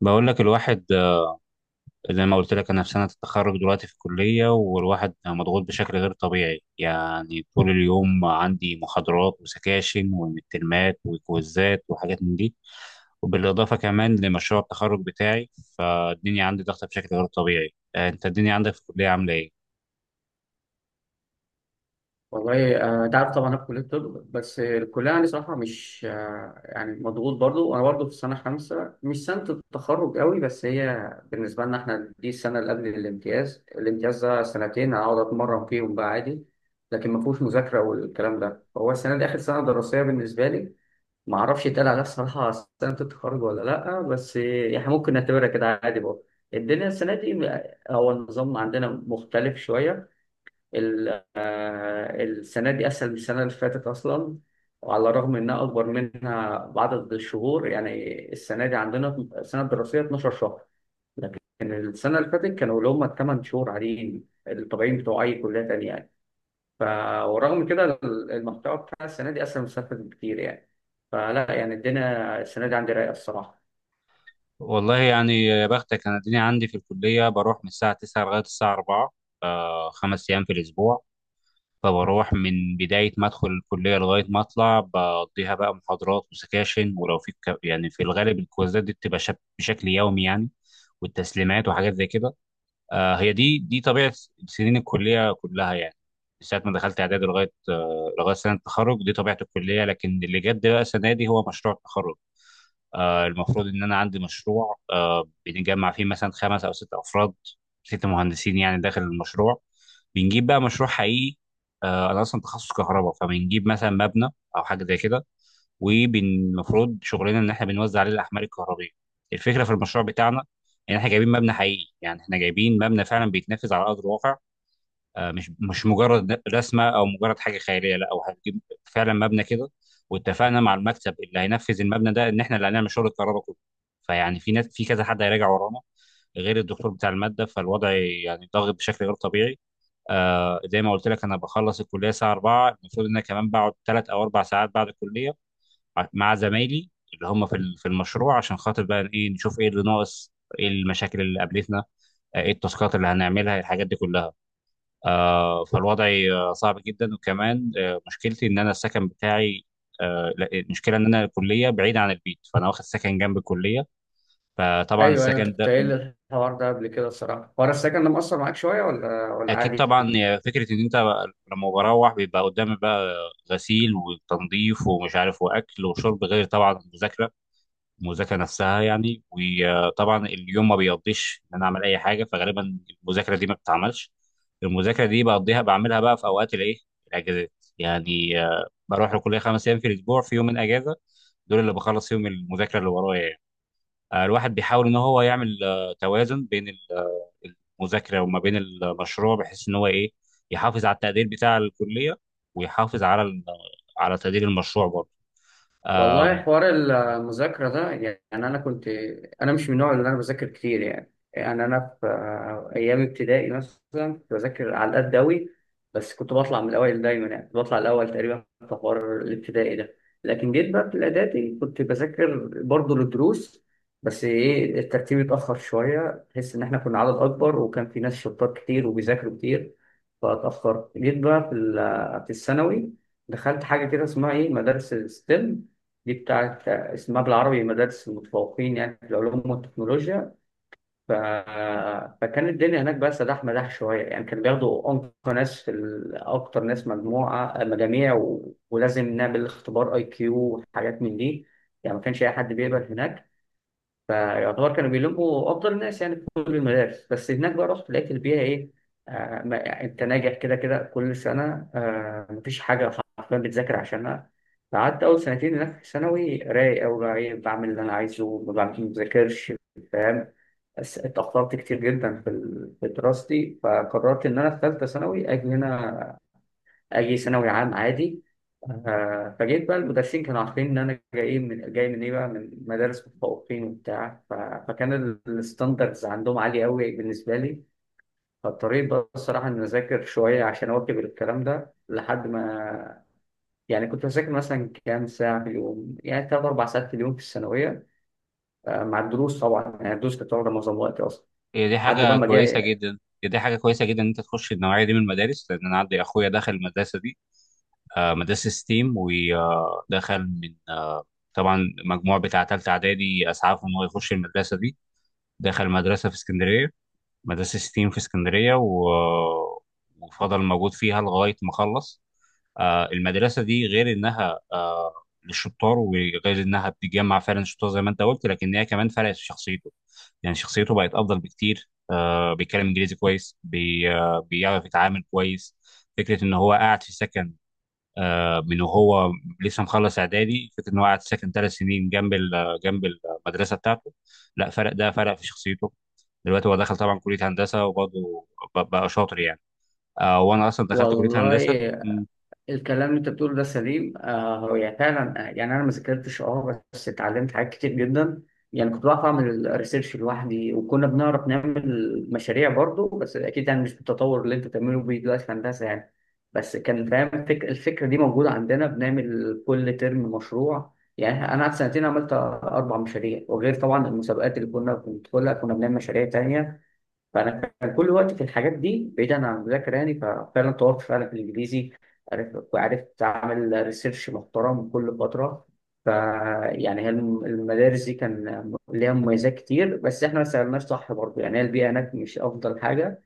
بقول لك الواحد زي ما قلت لك انا في سنه التخرج دلوقتي في الكليه والواحد مضغوط بشكل غير طبيعي يعني طول اليوم عندي محاضرات وسكاشن ومترمات وكويزات وحاجات من دي وبالاضافه كمان لمشروع التخرج بتاعي، فالدنيا عندي ضغطه بشكل غير طبيعي. انت الدنيا عندك في الكليه عامله ايه؟ والله، انت عارف طبعا، انا في كليه الطب. بس الكليه يعني صراحه مش يعني مضغوط برضو، وانا برضو في سنه خمسه مش سنه التخرج قوي، بس هي بالنسبه لنا احنا دي السنه اللي قبل الامتياز. الامتياز ده سنتين اقعد اتمرن فيهم بقى عادي، لكن ما فيهوش مذاكره والكلام ده. فهو السنه دي اخر سنه دراسيه بالنسبه لي، ما اعرفش يتقال عليها الصراحه سنه التخرج ولا لا، بس يعني ممكن نعتبرها كده عادي برضه. الدنيا السنه دي هو النظام عندنا مختلف شويه. السنة دي أسهل من السنة اللي فاتت أصلا، وعلى الرغم إنها أكبر منها بعدد الشهور. يعني السنة دي عندنا السنة الدراسية 12 شهر، لكن السنة اللي فاتت كانوا اللي هم الثمان شهور عاديين الطبيعيين بتوع أي كلية تانية يعني. ف ورغم كده المحتوى بتاع السنة دي أسهل من السنة اللي فاتت بكتير يعني. فلا يعني الدنيا السنة دي عندي رايقة الصراحة. والله يعني يا بختك، انا الدنيا عندي في الكليه بروح من الساعه 9 لغايه الساعه 4، خمس ايام في الاسبوع. فبروح من بداية ما أدخل الكلية لغاية ما أطلع بقضيها بقى محاضرات وسكاشن، ولو في يعني في الغالب الكويزات دي بتبقى بشكل يومي يعني، والتسليمات وحاجات زي كده. آه، هي دي طبيعة سنين الكلية كلها يعني، من ساعة ما دخلت إعدادي لغاية لغاية سنة التخرج دي طبيعة الكلية. لكن اللي جد بقى السنة دي هو مشروع التخرج. المفروض ان انا عندي مشروع، بنجمع فيه مثلا خمس او ست افراد، ست مهندسين يعني داخل المشروع. بنجيب بقى مشروع حقيقي، انا اصلا تخصص كهرباء فبنجيب مثلا مبنى او حاجه زي كده، والمفروض شغلنا ان احنا بنوزع عليه الاحمال الكهربيه. الفكره في المشروع بتاعنا ان احنا جايبين مبنى حقيقي، يعني احنا جايبين مبنى فعلا بيتنفذ على ارض الواقع. مش مجرد رسمه او مجرد حاجه خياليه، لا، او هتجيب فعلا مبنى كده. واتفقنا مع المكتب اللي هينفذ المبنى ده ان احنا اللي هنعمل شغل الكهرباء كله، فيعني في ناس، في كذا حد هيراجع ورانا غير الدكتور بتاع الماده. فالوضع يعني ضاغط بشكل غير طبيعي. آه، زي ما قلت لك انا بخلص الكليه الساعه 4، المفروض ان انا كمان بقعد ثلاث او اربع ساعات بعد الكليه مع زمايلي اللي هم في في المشروع، عشان خاطر بقى ايه، نشوف ايه اللي ناقص، ايه المشاكل اللي قابلتنا، ايه التاسكات اللي هنعملها، الحاجات دي كلها. آه، فالوضع آه، صعب جدا. وكمان مشكلتي ان انا السكن بتاعي، لا، المشكله ان انا الكليه بعيده عن البيت، فانا واخد سكن جنب الكليه. فطبعا أيوه، أيوه، أنت السكن كنت ده قايل لي الحوار ده قبل كده الصراحة. حوار السكن ده مأثر معاك شوية ولا اكيد عادي؟ طبعا، فكره ان انت لما بروح بيبقى قدامي بقى غسيل وتنظيف ومش عارف واكل وشرب، غير طبعا المذاكره، المذاكره نفسها يعني. وطبعا اليوم ما بيقضيش ان انا اعمل اي حاجه، فغالبا المذاكره دي ما بتتعملش. المذاكره دي بقضيها بعملها بقى في اوقات الايه، الاجازات. يعني بروح الكليه خمس ايام في الاسبوع، في يومين اجازه، دول اللي بخلص فيهم المذاكره اللي ورايا يعني. الواحد بيحاول ان هو يعمل توازن بين المذاكره وما بين المشروع، بحيث ان هو ايه، يحافظ على التقدير بتاع الكليه ويحافظ على على تقدير المشروع برضه. والله، حوار المذاكرة ده يعني أنا كنت. أنا مش من النوع اللي أنا بذاكر كتير. يعني أنا في أيام ابتدائي مثلا كنت بذاكر على قد أوي، بس كنت بطلع من الأوائل دايما. يعني كنت بطلع الأول تقريبا في حوار الابتدائي ده. لكن جيت بقى في الإعدادي كنت بذاكر برضه للدروس، بس إيه، الترتيب اتأخر شوية. تحس إن إحنا كنا عدد أكبر، وكان في ناس شطار كتير وبيذاكروا كتير، فاتأخرت. جيت بقى في في الثانوي، دخلت حاجة كده اسمها إيه، مدارس الستيم. دي بتاعت اسمها بالعربي مدارس المتفوقين يعني في العلوم والتكنولوجيا. ف... فكان الدنيا هناك بقى سداح مداح شوية. يعني كانوا بياخدوا أنقى ناس في أكتر ناس مجموعة مجاميع، ولازم نعمل اختبار أي كيو وحاجات من دي. يعني ما كانش أي حد بيقبل هناك، فيعتبر كانوا بيلموا افضل الناس يعني في كل المدارس. بس هناك بقى رحت لقيت البيئه ايه، ما يعني انت ناجح كده كده كل سنه، مفيش حاجه حرفيا بتذاكر عشانها. قعدت اول سنتين هناك في ثانوي رايق أوي، بقى ايه بعمل اللي انا عايزه. ما بذاكرش، فاهم. بس اتاخرت كتير جدا في في دراستي، فقررت ان انا في ثالثه ثانوي اجي هنا، اجي ثانوي عام عادي. فجيت بقى المدرسين كانوا عارفين ان انا جاي من ايه بقى، من مدارس متفوقين وبتاع. فكان الستاندردز عندهم عاليه قوي بالنسبه لي. فاضطريت بقى الصراحه ان اذاكر شويه عشان اواكب الكلام ده لحد ما. يعني كنت بذاكر مثلا كام ساعه في اليوم، يعني ثلاث اربع ساعات في اليوم في الثانويه، مع الدروس طبعا. يعني الدروس كانت واخده معظم وقتي اصلا هي دي لحد حاجة بقى ما كويسة جاي. جدا. هي دي حاجة كويسة جدا إن أنت تخش النوعية دي من المدارس، لأن أنا عندي أخويا دخل المدرسة دي، مدرسة ستيم. ودخل من طبعا مجموع بتاع تالتة إعدادي أسعفه إن هو يخش المدرسة دي. دخل مدرسة في اسكندرية، مدرسة ستيم في اسكندرية، وفضل موجود فيها لغاية ما خلص. المدرسة دي غير إنها للشطار، وغير إنها بتجمع فعلا شطار زي ما أنت قلت، لكن هي كمان فرقت في شخصيته، يعني شخصيته بقت أفضل بكتير. بيتكلم إنجليزي كويس، بي... آه، بيعرف يتعامل كويس. فكرة إن هو قاعد في سكن، من وهو لسه مخلص إعدادي، فكرة إن هو قاعد في سكن ثلاث سنين جنب جنب المدرسة بتاعته، لا، فرق ده، فرق في شخصيته. دلوقتي هو دخل طبعا كليه هندسه وبرضه بقى شاطر يعني. آه، وانا اصلا دخلت كليه والله، هندسه. م، الكلام اللي انت بتقوله ده سليم. هو يعني فعلا، يعني انا ما ذاكرتش بس اتعلمت حاجات كتير جدا. يعني كنت بعرف اعمل الريسيرش لوحدي، وكنا بنعرف نعمل مشاريع برضو، بس اكيد يعني مش بالتطور اللي انت بتعمله بيه دلوقتي في هندسه يعني. بس كان فاهم، الفكره دي موجوده عندنا. بنعمل كل ترم مشروع. يعني انا قعدت سنتين عملت اربع مشاريع، وغير طبعا المسابقات اللي كنا بندخلها كنا بنعمل مشاريع تانية. فانا كان كل وقت في الحاجات دي بعيدا عن المذاكره يعني. ففعلا طورت فعلا في الانجليزي، عرفت وعرفت اعمل ريسيرش محترم كل فتره. ف يعني هي المدارس دي كان ليها مميزات كتير، بس احنا ما سالناش صح برضه. يعني هي البيئه هناك مش افضل حاجه،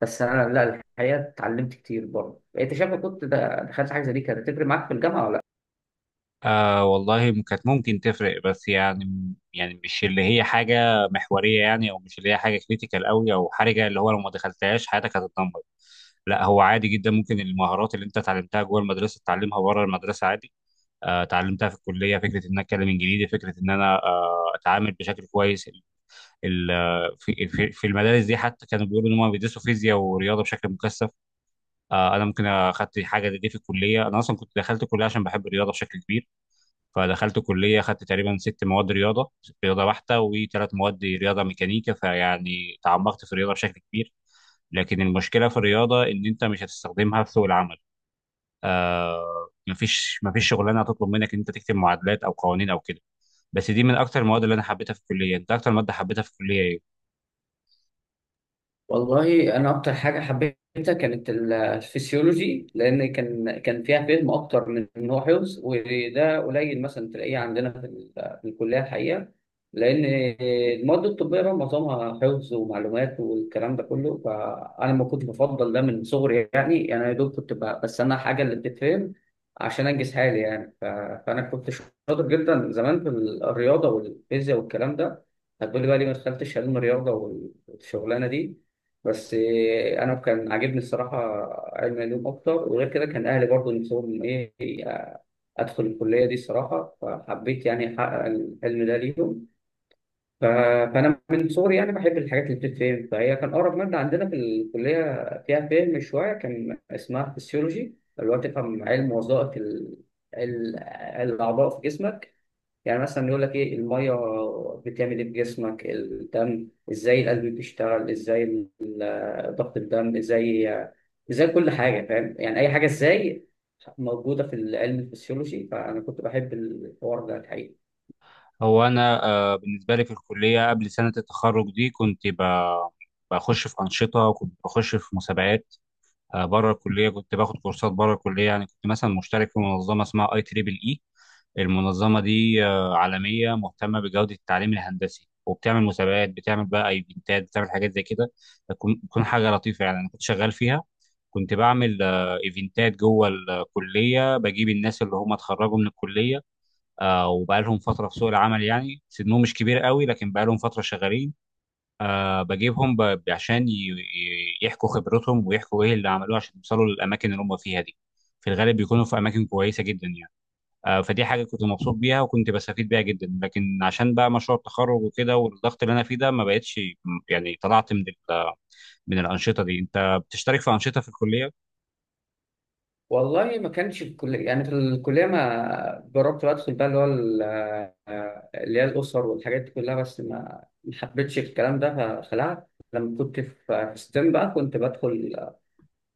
بس انا لا، الحقيقه اتعلمت كتير برضه. انت شايف إن كنت دخلت حاجه زي دي كانت هتفرق معاك في الجامعه؟ آه والله كانت ممكن تفرق، بس يعني يعني مش اللي هي حاجه محوريه يعني، او مش اللي هي حاجه كريتيكال قوي او حرجه، اللي هو لو ما دخلتهاش حياتك هتتدمر. لا، هو عادي جدا، ممكن المهارات اللي انت اتعلمتها جوه المدرسه تتعلمها بره المدرسه عادي. اتعلمتها في الكليه، فكره ان انا اتكلم انجليزي، فكره ان انا اتعامل بشكل كويس. ال- في في المدارس دي حتى كانوا بيقولوا ان هم بيدرسوا فيزياء ورياضه بشكل مكثف. انا ممكن اخدت حاجه دي في الكليه. انا اصلا كنت دخلت الكليه عشان بحب الرياضه بشكل كبير، فدخلت كليه اخدت تقريبا ست مواد رياضه، ست رياضه بحته وثلاث مواد رياضه ميكانيكا، فيعني تعمقت في الرياضه بشكل كبير. لكن المشكله في الرياضه ان انت مش هتستخدمها في سوق العمل. آه، مفيش شغلانه هتطلب منك ان انت تكتب معادلات او قوانين او كده. بس دي من اكتر المواد اللي انا حبيتها في الكليه. انت اكتر ماده حبيتها في الكليه ايه؟ والله انا اكتر حاجه حبيتها كانت الفسيولوجي، لان كان فيها فهم اكتر من ان هو حفظ، وده قليل مثلا تلاقيه عندنا في في الكليه الحقيقه. لان المواد الطبيه بقى معظمها حفظ ومعلومات والكلام ده كله، فانا ما كنت بفضل ده من صغري. يعني انا يا دوب كنت بستنى الحاجه اللي بتتفهم عشان انجز حالي يعني. فانا كنت شاطر جدا زمان في الرياضه والفيزياء والكلام ده. هتقولي بقى ليه ما دخلتش علم رياضه والشغلانه دي، بس إيه، انا كان عاجبني الصراحه علم العلوم اكتر. وغير كده كان اهلي برضو نفسهم ايه، آه، ادخل الكليه دي الصراحه، فحبيت يعني احقق الحلم ده ليهم. ف- فانا من صغري يعني بحب الحاجات اللي بتتفهم، فهي كان اقرب ماده عندنا في الكليه فيها فهم شويه، كان اسمها فيسيولوجي، اللي هو تفهم علم وظائف ال- الاعضاء في جسمك. يعني مثلا يقول لك ايه الميه بتعمل ايه في جسمك، الدم ازاي، القلب بيشتغل ازاي، ضغط الدم ازاي، ازاي كل حاجه، فاهم؟ يعني اي حاجه ازاي موجوده في العلم الفسيولوجي، فانا كنت بحب الحوار ده الحقيقه. هو انا بالنسبه لي في الكليه قبل سنه التخرج دي كنت بخش في انشطه، وكنت بخش في مسابقات بره الكليه، كنت باخد كورسات بره الكليه. يعني كنت مثلا مشترك في منظمه اسمها اي تريبل اي، المنظمه دي عالميه مهتمه بجوده التعليم الهندسي، وبتعمل مسابقات، بتعمل بقى ايفنتات، بتعمل حاجات زي كده، بتكون حاجه لطيفه يعني، انا كنت شغال فيها. كنت بعمل ايفنتات جوه الكليه، بجيب الناس اللي هم اتخرجوا من الكليه وبقى لهم فتره في سوق العمل، يعني سنهم مش كبير قوي لكن بقى لهم فتره شغالين. بجيبهم عشان يحكوا خبرتهم ويحكوا ايه اللي عملوه عشان يوصلوا للاماكن اللي هم فيها دي، في الغالب بيكونوا في اماكن كويسه جدا يعني. فدي حاجه كنت مبسوط بيها وكنت بستفيد بيها جدا. لكن عشان بقى مشروع التخرج وكده والضغط اللي انا فيه ده ما بقتش، يعني طلعت من ال... من الانشطه دي. انت بتشترك في انشطه في الكليه؟ والله ما كانش في الكليه، يعني في الكليه ما جربت بقى ادخل بقى اللي هو اللي هي الاسر والحاجات دي كلها، بس ما حبيتش الكلام ده فخلعت. لما كنت في ستيم بقى كنت بدخل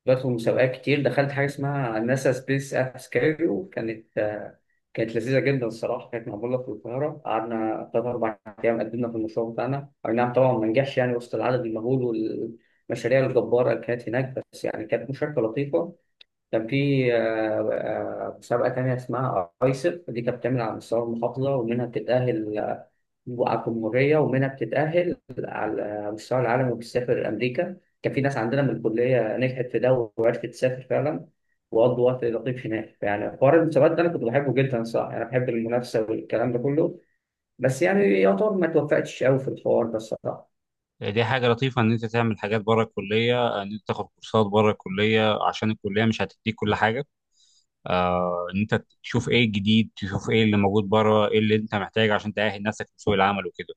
بدخل مسابقات كتير. دخلت حاجة اسمها ناسا سبيس ابس كاريو، كانت كانت لذيذة جدا الصراحة. كانت معمولة في القاهرة، قعدنا تلات أربع أيام قدمنا في المشروع بتاعنا. أي نعم طبعا ما نجحش يعني وسط العدد المهول والمشاريع الجبارة اللي كانت هناك، بس يعني كانت مشاركة لطيفة. كان في مسابقة تانية اسمها أيسر، دي كانت بتعمل على مستوى المحافظة ومنها بتتأهل على الجمهورية، ومنها بتتأهل على مستوى العالم وبتسافر أمريكا. كان في ناس عندنا من الكلية نجحت في ده وعرفت تسافر فعلا، وقضوا وقت لطيف هناك. يعني حوار المسابقات ده أنا كنت بحبه جدا صراحة، أنا بحب المنافسة والكلام ده كله، بس يعني يعتبر ما توفقتش أوي في الحوار ده الصراحة. دي حاجه لطيفه ان انت تعمل حاجات بره الكليه، ان انت تاخد كورسات بره الكليه، عشان الكليه مش هتديك كل حاجه، ان انت تشوف ايه الجديد، تشوف ايه اللي موجود بره، ايه اللي انت محتاجه عشان تأهل نفسك لسوق العمل وكده.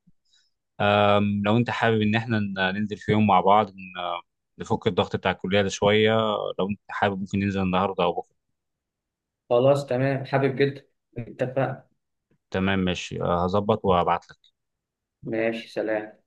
لو انت حابب ان احنا ننزل في يوم مع بعض، نفك الضغط بتاع الكلية ده شوية، لو انت حابب ممكن ننزل النهاردة او بكرة. خلاص تمام، حابب جدا، اتفقنا. تمام، ماشي، هظبط وهبعت لك. ماشي، سلام.